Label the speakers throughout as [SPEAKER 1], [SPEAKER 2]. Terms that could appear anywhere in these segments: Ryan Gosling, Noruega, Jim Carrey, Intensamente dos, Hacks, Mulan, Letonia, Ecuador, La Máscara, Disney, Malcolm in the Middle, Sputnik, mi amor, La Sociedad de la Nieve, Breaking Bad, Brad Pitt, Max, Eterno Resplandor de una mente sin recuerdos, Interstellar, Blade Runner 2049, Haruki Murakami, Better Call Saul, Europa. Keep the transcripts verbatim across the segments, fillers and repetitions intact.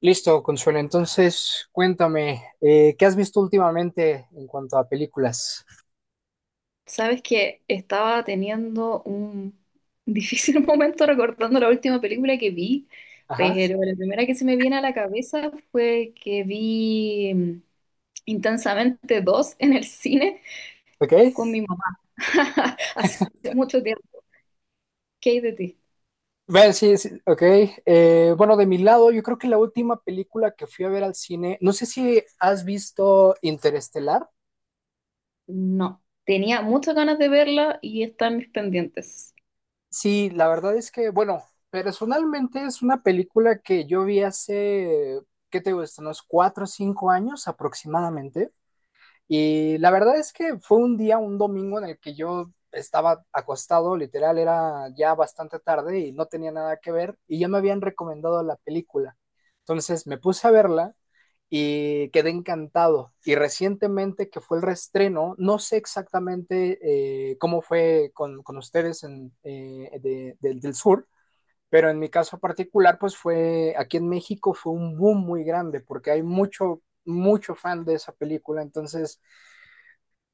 [SPEAKER 1] Listo, Consuelo. Entonces, cuéntame, eh, ¿qué has visto últimamente en cuanto a películas?
[SPEAKER 2] Sabes que estaba teniendo un difícil momento recordando la última película que vi,
[SPEAKER 1] Ajá,
[SPEAKER 2] pero la primera que se me viene a la cabeza fue que vi mm, Intensamente dos en el cine
[SPEAKER 1] ok.
[SPEAKER 2] con mi mamá. Hace mucho tiempo. ¿Qué hay de ti?
[SPEAKER 1] Bueno, sí, sí, ok. Eh, bueno, de mi lado, yo creo que la última película que fui a ver al cine, no sé si has visto Interestelar.
[SPEAKER 2] No, tenía muchas ganas de verla y está en mis pendientes.
[SPEAKER 1] Sí, la verdad es que, bueno, personalmente es una película que yo vi hace, ¿qué te gusta? Unos cuatro o cinco años aproximadamente. Y la verdad es que fue un día, un domingo en el que yo estaba acostado, literal, era ya bastante tarde y no tenía nada que ver y ya me habían recomendado la película. Entonces me puse a verla y quedé encantado. Y recientemente que fue el reestreno, no sé exactamente eh, cómo fue con, con ustedes en, eh, de- del- del sur, pero en mi caso particular, pues fue aquí en México fue un boom muy grande porque hay mucho, mucho fan de esa película. Entonces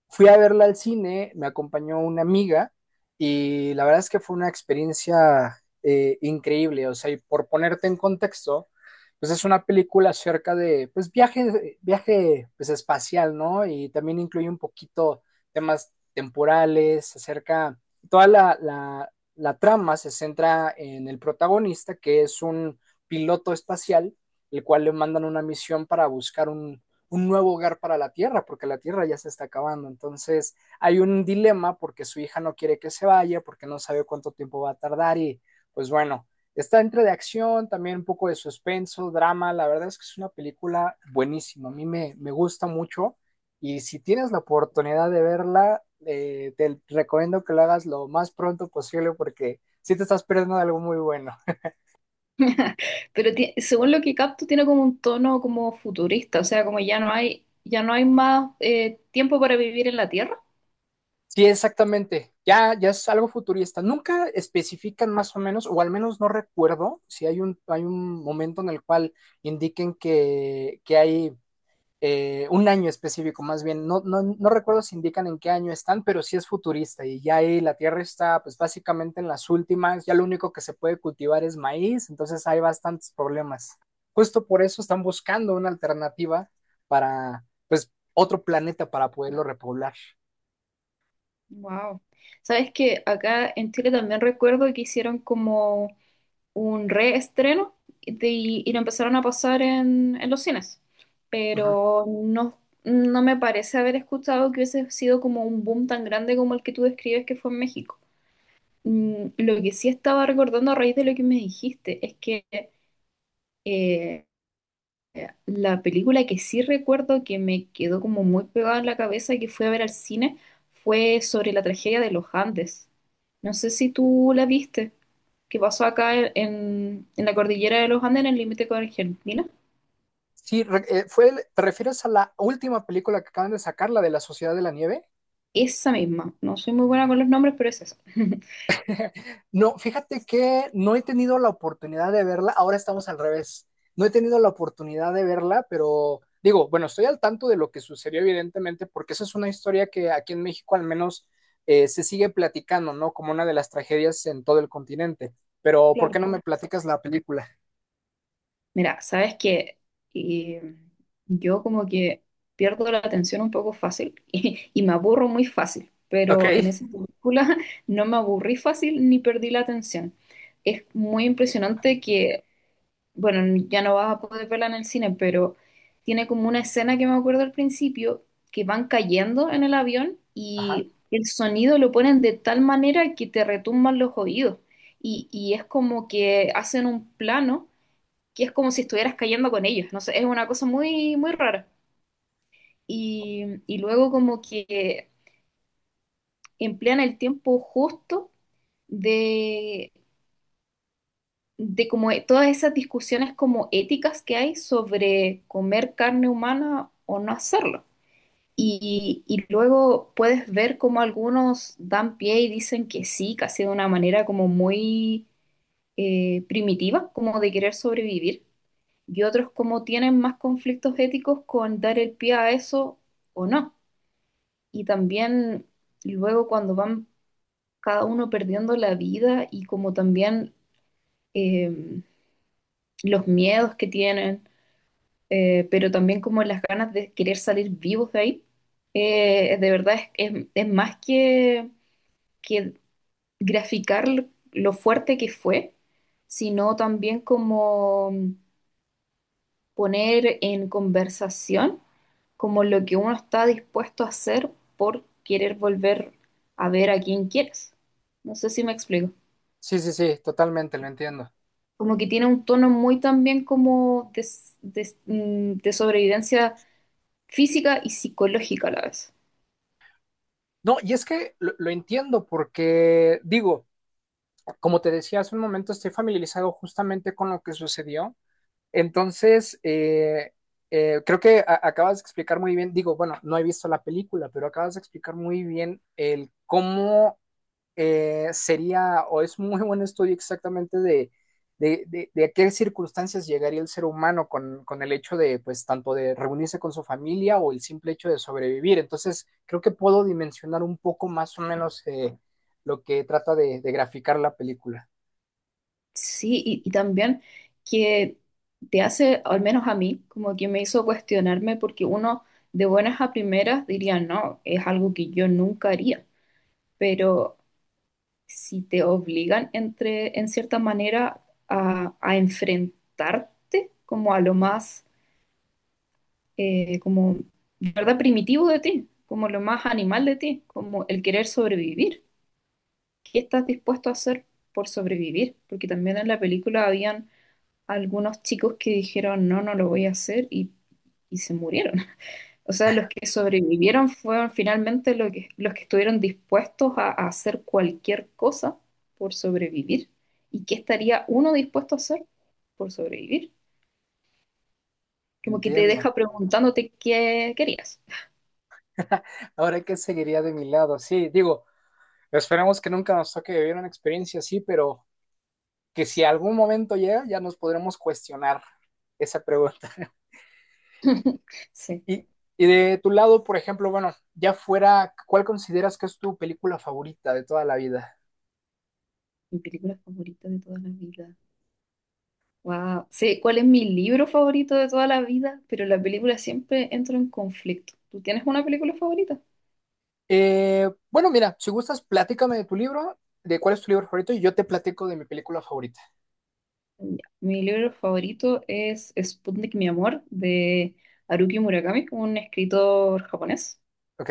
[SPEAKER 1] fui a verla al cine, me acompañó una amiga y la verdad es que fue una experiencia eh, increíble. O sea, y por ponerte en contexto, pues es una película acerca de pues viaje, viaje pues espacial, ¿no? Y también incluye un poquito temas temporales, acerca, toda la, la, la trama se centra en el protagonista, que es un piloto espacial, el cual le mandan una misión para buscar un, un nuevo hogar para la Tierra, porque la Tierra ya se está acabando. Entonces hay un dilema porque su hija no quiere que se vaya, porque no sabe cuánto tiempo va a tardar y pues bueno, está entre de acción, también un poco de suspenso, drama. La verdad es que es una película buenísima, a mí me, me gusta mucho y si tienes la oportunidad de verla, eh, te recomiendo que lo hagas lo más pronto posible porque si sí te estás perdiendo de algo muy bueno.
[SPEAKER 2] Pero ti- según lo que capto, tiene como un tono como futurista, o sea, como ya no hay, ya no hay más eh, tiempo para vivir en la Tierra.
[SPEAKER 1] Sí, exactamente. Ya, ya es algo futurista. Nunca especifican más o menos, o al menos no recuerdo si hay un, hay un momento en el cual indiquen que, que hay eh, un año específico, más bien. No, no, no recuerdo si indican en qué año están, pero sí es futurista. Y ya ahí la tierra está, pues básicamente en las últimas. Ya lo único que se puede cultivar es maíz, entonces hay bastantes problemas. Justo por eso están buscando una alternativa para, pues, otro planeta para poderlo repoblar.
[SPEAKER 2] Wow. Sabes que acá en Chile también recuerdo que hicieron como un reestreno de- y lo empezaron a pasar en, en los cines,
[SPEAKER 1] Ujú.
[SPEAKER 2] pero no, no me parece haber escuchado que hubiese sido como un boom tan grande como el que tú describes que fue en México. Mm, lo que sí estaba recordando a raíz de lo que me dijiste es que eh, eh, la película que sí recuerdo que me quedó como muy pegada en la cabeza que fui a ver al cine fue sobre la tragedia de los Andes. No sé si tú la viste, que pasó acá en, en la cordillera de los Andes, en el límite con Argentina.
[SPEAKER 1] Sí, re- eh, fue, el- ¿te refieres a la última película que acaban de sacar, la de la Sociedad de la Nieve?
[SPEAKER 2] Esa misma. No soy muy buena con los nombres, pero es esa.
[SPEAKER 1] No, fíjate que no he tenido la oportunidad de verla, ahora estamos al revés. No he tenido la oportunidad de verla, pero digo, bueno, estoy al tanto de lo que sucedió evidentemente, porque esa es una historia que aquí en México al menos eh, se sigue platicando, ¿no? Como una de las tragedias en todo el continente. Pero, ¿por qué
[SPEAKER 2] Claro.
[SPEAKER 1] no me platicas la película?
[SPEAKER 2] Mira, sabes que yo como que pierdo la atención un poco fácil y, y me aburro muy fácil,
[SPEAKER 1] Ok.
[SPEAKER 2] pero en esa película no me aburrí fácil ni perdí la atención. Es muy impresionante que, bueno, ya no vas a poder verla en el cine, pero tiene como una escena que me acuerdo al principio, que van cayendo en el avión
[SPEAKER 1] Ajá.
[SPEAKER 2] y el sonido lo ponen de tal manera que te retumban los oídos y, y es como que hacen un plano que es como si estuvieras cayendo con ellos, no sé, es una cosa muy, muy rara. Y, y luego como que emplean el tiempo justo de, de como e- todas esas discusiones como éticas que hay sobre comer carne humana o no hacerlo. Y, y luego puedes ver como algunos dan pie y dicen que sí, casi de una manera como muy eh, primitiva, como de querer sobrevivir y otros como tienen más conflictos éticos con dar el pie a eso o no. Y también luego cuando van cada uno perdiendo la vida y como también eh, los miedos que tienen, eh, pero también como las ganas de querer salir vivos de ahí, eh, de verdad es, es- es más que, que graficar lo fuerte que fue, sino también como poner en conversación como lo que uno está dispuesto a hacer por querer volver a ver a quien quieres. No sé si me explico.
[SPEAKER 1] Sí, sí, sí, totalmente, lo entiendo.
[SPEAKER 2] Como que tiene un tono muy también como de, de- mm, de sobrevivencia física y psicológica a la vez.
[SPEAKER 1] No, y es que lo, lo entiendo porque, digo, como te decía hace un momento, estoy familiarizado justamente con lo que sucedió. Entonces, eh, eh, creo que a- acabas de explicar muy bien, digo, bueno, no he visto la película, pero acabas de explicar muy bien el cómo eh, sería, o es muy buen estudio exactamente de, de, de- de a qué circunstancias llegaría el ser humano con, con el hecho de, pues, tanto de reunirse con su familia o el simple hecho de sobrevivir. Entonces, creo que puedo dimensionar un poco más o menos eh, lo que trata de de graficar la película.
[SPEAKER 2] Sí, y, y también que te hace, al menos a mí, como que me hizo cuestionarme porque uno de buenas a primeras diría, no, es algo que yo nunca haría, pero si te obligan entre, en cierta manera a, a enfrentarte como a lo más, eh, como, de ¿verdad? Primitivo de ti, como lo más animal de ti, como el querer sobrevivir. ¿Qué estás dispuesto a hacer por sobrevivir? Porque también en la película habían algunos chicos que dijeron, no, no lo voy a hacer y, y se murieron. O sea, los que sobrevivieron fueron finalmente lo que- los que estuvieron dispuestos a, a hacer cualquier cosa por sobrevivir. ¿Y qué estaría uno dispuesto a hacer por sobrevivir? Como que te
[SPEAKER 1] Entiendo.
[SPEAKER 2] deja preguntándote qué querías.
[SPEAKER 1] Ahora, ¿qué seguiría de mi lado? Sí, digo, esperemos que nunca nos toque vivir una experiencia así, pero que si
[SPEAKER 2] Sí,
[SPEAKER 1] algún momento llega, ya nos podremos cuestionar esa pregunta.
[SPEAKER 2] sí,
[SPEAKER 1] Y, y de tu lado, por ejemplo, bueno, ya fuera, ¿cuál consideras que es tu película favorita de toda la vida?
[SPEAKER 2] mi película favorita de toda la vida. Wow. Sé cuál es mi libro favorito de toda la vida, pero la película siempre entra en conflicto. ¿Tú tienes una película favorita?
[SPEAKER 1] Eh, bueno, mira, si gustas, platícame de tu libro, de cuál es tu libro favorito, y yo te platico de mi película favorita,
[SPEAKER 2] Ya. Mi libro favorito es Sputnik, mi amor, de Haruki Murakami, un escritor japonés.
[SPEAKER 1] ¿ok?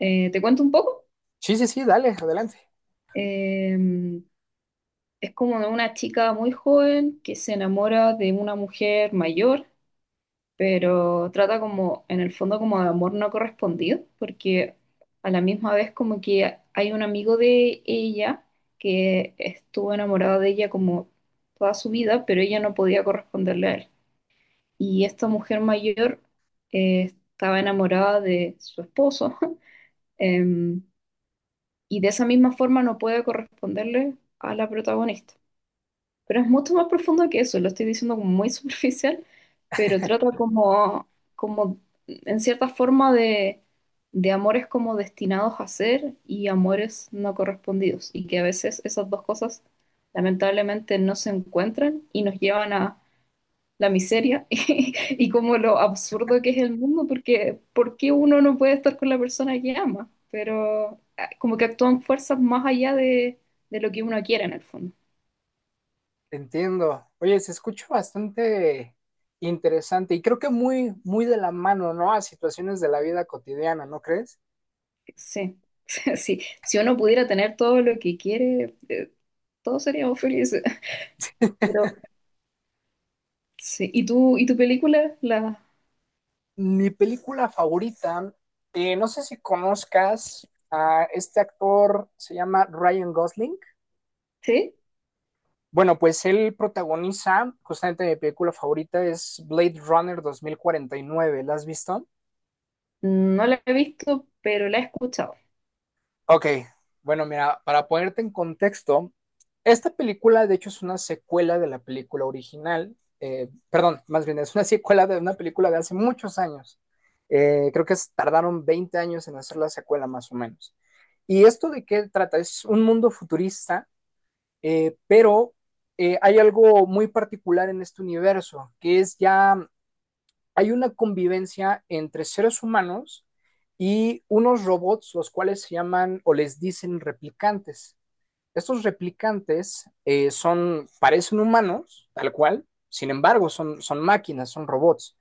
[SPEAKER 2] Eh, te cuento un poco.
[SPEAKER 1] Sí, sí, sí, dale, adelante.
[SPEAKER 2] Eh, es como de una chica muy joven que se enamora de una mujer mayor, pero trata como, en el fondo, como de amor no correspondido, porque a la misma vez como que hay un amigo de ella que estuvo enamorado de ella como toda su vida, pero ella no podía corresponderle a él. Y esta mujer mayor eh, estaba enamorada de su esposo, em, y de esa misma forma no puede corresponderle a la protagonista. Pero es mucho más profundo que eso, lo estoy diciendo como muy superficial, pero trata como, como en cierta forma de, de amores como destinados a ser y amores no correspondidos, y que a veces esas dos cosas lamentablemente no se encuentran y nos llevan a la miseria y como lo absurdo que es el mundo, porque ¿por qué uno no puede estar con la persona que ama? Pero ah, como que actúan fuerzas más allá de, de lo que uno quiere en el fondo.
[SPEAKER 1] Entiendo. Oye, se escucha bastante interesante y creo que muy, muy de la mano, ¿no? A situaciones de la vida cotidiana, ¿no crees?
[SPEAKER 2] Sí, sí. Si uno pudiera tener todo lo que quiere, eh, todos seríamos felices. Pero sí. ¿Y tú, y tu película? La,
[SPEAKER 1] Mi película favorita, eh, no sé si conozcas a este actor, se llama Ryan Gosling.
[SPEAKER 2] ¿sí?
[SPEAKER 1] Bueno, pues él protagoniza, justamente mi película favorita es Blade Runner dos mil cuarenta y nueve. ¿La has visto?
[SPEAKER 2] No la he visto, pero la he escuchado.
[SPEAKER 1] Ok, bueno, mira, para ponerte en contexto, esta película de hecho es una secuela de la película original, eh, perdón, más bien es una secuela de una película de hace muchos años. Eh, creo que es- tardaron veinte años en hacer la secuela más o menos. ¿Y esto de qué trata? Es un mundo futurista, eh, pero eh, hay algo muy particular en este universo, que es ya hay una convivencia entre seres humanos y unos robots, los cuales se llaman o les dicen replicantes. Estos replicantes eh, son, parecen humanos, tal cual, sin embargo, son, son máquinas, son robots.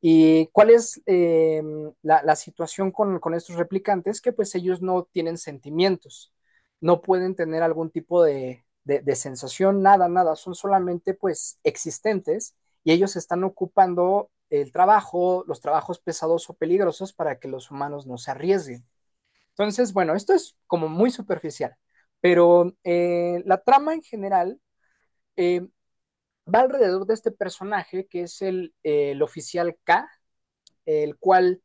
[SPEAKER 1] ¿Y cuál es eh, la, la, situación con, con, estos replicantes? Que pues ellos no tienen sentimientos, no pueden tener algún tipo de, de, de sensación, nada, nada, son solamente pues existentes y ellos están ocupando el trabajo, los trabajos pesados o peligrosos para que los humanos no se arriesguen. Entonces, bueno, esto es como muy superficial, pero eh, la trama en general eh, va alrededor de este personaje que es el, eh, el oficial K, el cual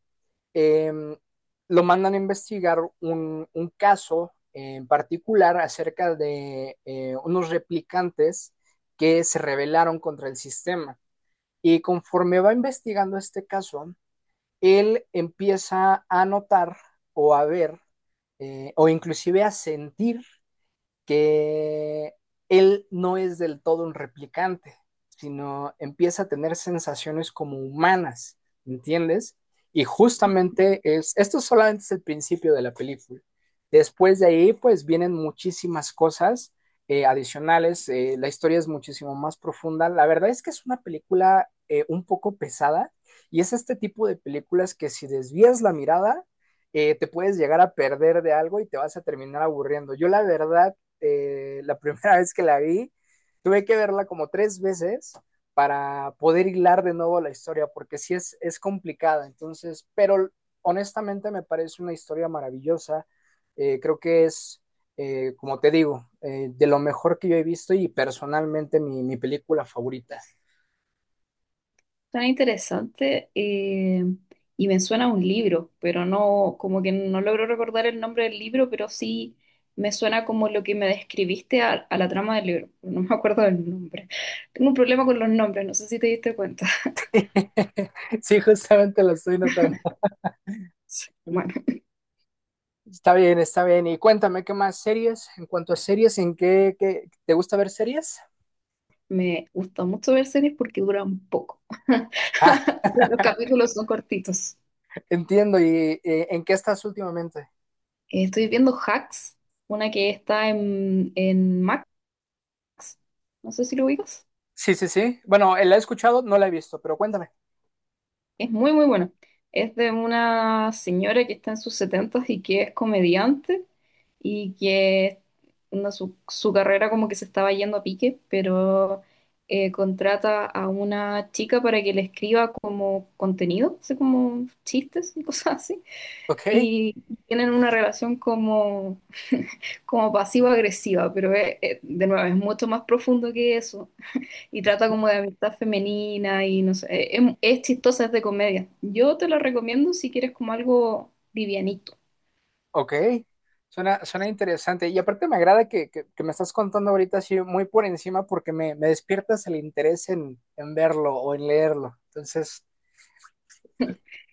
[SPEAKER 1] em, lo mandan a investigar un, un caso en particular acerca de eh, unos replicantes que se rebelaron contra el sistema. Y conforme va investigando este caso, él empieza a notar o a ver eh, o inclusive a sentir que él no es del todo un replicante, sino empieza a tener sensaciones como humanas, ¿entiendes? Y justamente es, esto solamente es el principio de la película. Después de ahí, pues vienen muchísimas cosas eh, adicionales, eh, la historia es muchísimo más profunda. La verdad es que es una película eh, un poco pesada y es este tipo de películas que si desvías la mirada, eh, te puedes llegar a perder de algo y te vas a terminar aburriendo. Yo la verdad eh, la primera vez que la vi, tuve que verla como tres veces para poder hilar de nuevo la historia, porque sí es, es complicada, entonces, pero honestamente me parece una historia maravillosa, eh, creo que es, eh, como te digo, eh, de lo mejor que yo he visto y personalmente mi, mi película favorita.
[SPEAKER 2] Suena interesante eh, y me suena a un libro, pero no, como que no logro recordar el nombre del libro, pero sí me suena como lo que me describiste a, a la trama del libro. No me acuerdo del nombre. Tengo un problema con los nombres, no sé si te diste cuenta.
[SPEAKER 1] Sí, justamente lo estoy notando.
[SPEAKER 2] Bueno,
[SPEAKER 1] Está bien, está bien. Y cuéntame, ¿qué más series? En cuanto a series, ¿en qué, qué- ¿te gusta ver series?
[SPEAKER 2] me gusta mucho ver series porque duran poco.
[SPEAKER 1] Ah,
[SPEAKER 2] O sea, los capítulos son cortitos.
[SPEAKER 1] entiendo. ¿Y eh, en qué estás últimamente?
[SPEAKER 2] Eh, Estoy viendo Hacks, una que está en, en Max. No sé si lo ubicas.
[SPEAKER 1] Sí, sí, sí. Bueno, eh, la he escuchado, no la he visto, pero cuéntame.
[SPEAKER 2] Es muy, muy bueno. Es de una señora que está en sus setentas y que es comediante y que no, su, su carrera como que se estaba yendo a pique, pero eh, contrata a una chica para que le escriba como contenido, así como chistes y cosas así.
[SPEAKER 1] Ok,
[SPEAKER 2] Y tienen una relación como, como pasivo-agresiva, pero es- es- de nuevo es mucho más profundo que eso y trata como de amistad femenina y no sé, eh, es, es chistosa, es de comedia. Yo te la recomiendo si quieres como algo livianito.
[SPEAKER 1] ok. Suena, suena interesante. Y aparte me agrada que, que- que me estás contando ahorita así muy por encima porque me, me despiertas el interés en, en verlo o en leerlo. Entonces,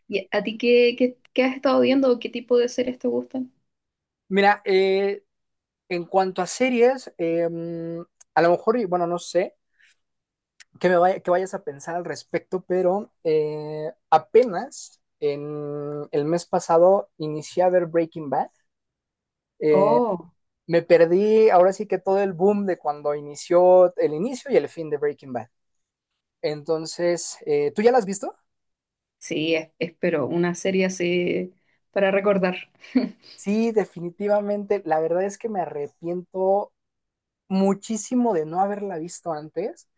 [SPEAKER 2] ¿Y a ti qué, qué, qué has estado viendo o qué tipo de series te gustan?
[SPEAKER 1] mira, eh, en cuanto a series, em, a lo mejor, y bueno, no sé qué me vaya- qué vayas a pensar al respecto, pero eh, apenas en el mes pasado inicié a ver Breaking Bad. Eh,
[SPEAKER 2] Oh,
[SPEAKER 1] Me perdí ahora sí que todo el boom de cuando inició el inicio y el fin de Breaking Bad. Entonces, eh, ¿tú ya la has visto?
[SPEAKER 2] sí, es- espero una serie así para recordar.
[SPEAKER 1] Sí, definitivamente. La verdad es que me arrepiento muchísimo de no haberla visto antes.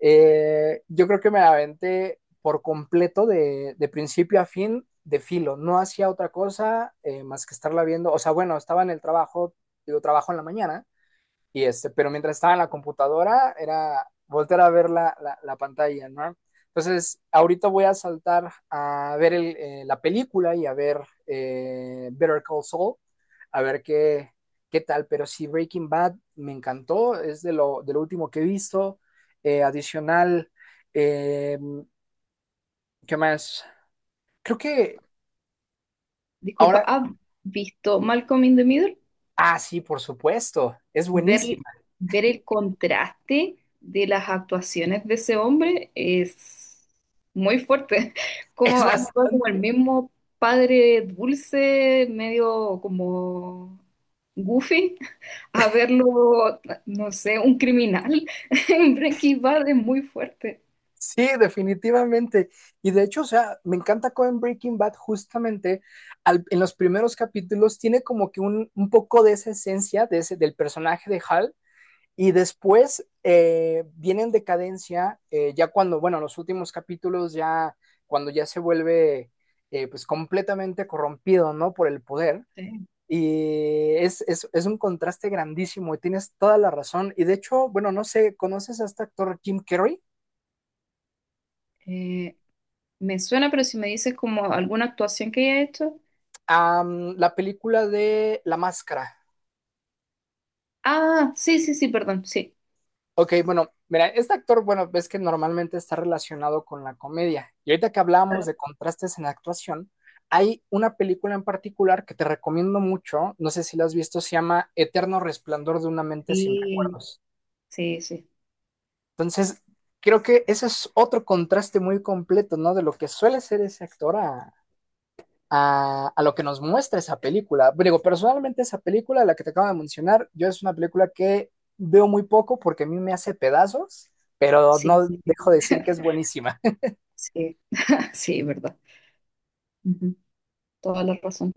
[SPEAKER 1] Eh, yo creo que me la aventé por completo de, de principio a fin de filo. No hacía otra cosa eh, más que estarla viendo. O sea, bueno, estaba en el trabajo, digo, trabajo en la mañana, y este, pero mientras estaba en la computadora, era volver a ver la, la, la pantalla, ¿no? Entonces, ahorita voy a saltar a ver el, eh, la película y a ver eh, Better Call Saul, a ver qué, qué tal. Pero sí, Breaking Bad me encantó, es de lo, de lo último que he visto. Eh, adicional, eh, ¿qué más? Creo que
[SPEAKER 2] Disculpa,
[SPEAKER 1] ahora,
[SPEAKER 2] ¿has visto Malcolm in the Middle?
[SPEAKER 1] ah, sí, por supuesto, es buenísima.
[SPEAKER 2] ver, Ver el contraste de las actuaciones de ese hombre es muy fuerte.
[SPEAKER 1] Es
[SPEAKER 2] Como
[SPEAKER 1] más,
[SPEAKER 2] actúa como el mismo padre dulce, medio como goofy, a verlo, no sé, un criminal en Breaking Bad es muy fuerte.
[SPEAKER 1] sí, definitivamente. Y de hecho, o sea, me encanta cómo en Breaking Bad justamente al- en los primeros capítulos tiene como que un, un poco de esa esencia de ese, del personaje de Hal y después eh, viene en decadencia eh, ya cuando, bueno, los últimos capítulos ya cuando ya se vuelve eh, pues completamente corrompido, ¿no? Por el poder.
[SPEAKER 2] Sí.
[SPEAKER 1] Y es, es, es un contraste grandísimo y tienes toda la razón. Y de hecho, bueno, no sé, ¿conoces a este actor Jim Carrey?
[SPEAKER 2] Eh, Me suena, pero si me dices como alguna actuación que haya hecho.
[SPEAKER 1] Um, la película de La Máscara.
[SPEAKER 2] Ah, sí, sí, sí, perdón, sí.
[SPEAKER 1] Ok, bueno, mira, este actor, bueno, ves que normalmente está relacionado con la comedia. Y ahorita que hablábamos
[SPEAKER 2] Claro.
[SPEAKER 1] de contrastes en la actuación, hay una película en particular que te recomiendo mucho, no sé si la has visto, se llama Eterno Resplandor de una mente sin
[SPEAKER 2] Sí,
[SPEAKER 1] recuerdos.
[SPEAKER 2] sí, sí,
[SPEAKER 1] Entonces, creo que ese es otro contraste muy completo, ¿no? De lo que suele ser ese actor a, a, a lo que nos muestra esa película. Digo, personalmente esa película, la que te acabo de mencionar, yo es una película que veo muy poco porque a mí me hace pedazos, pero
[SPEAKER 2] sí.
[SPEAKER 1] no dejo de decir que es buenísima.
[SPEAKER 2] Sí, sí, verdad. Ujú. Toda la razón.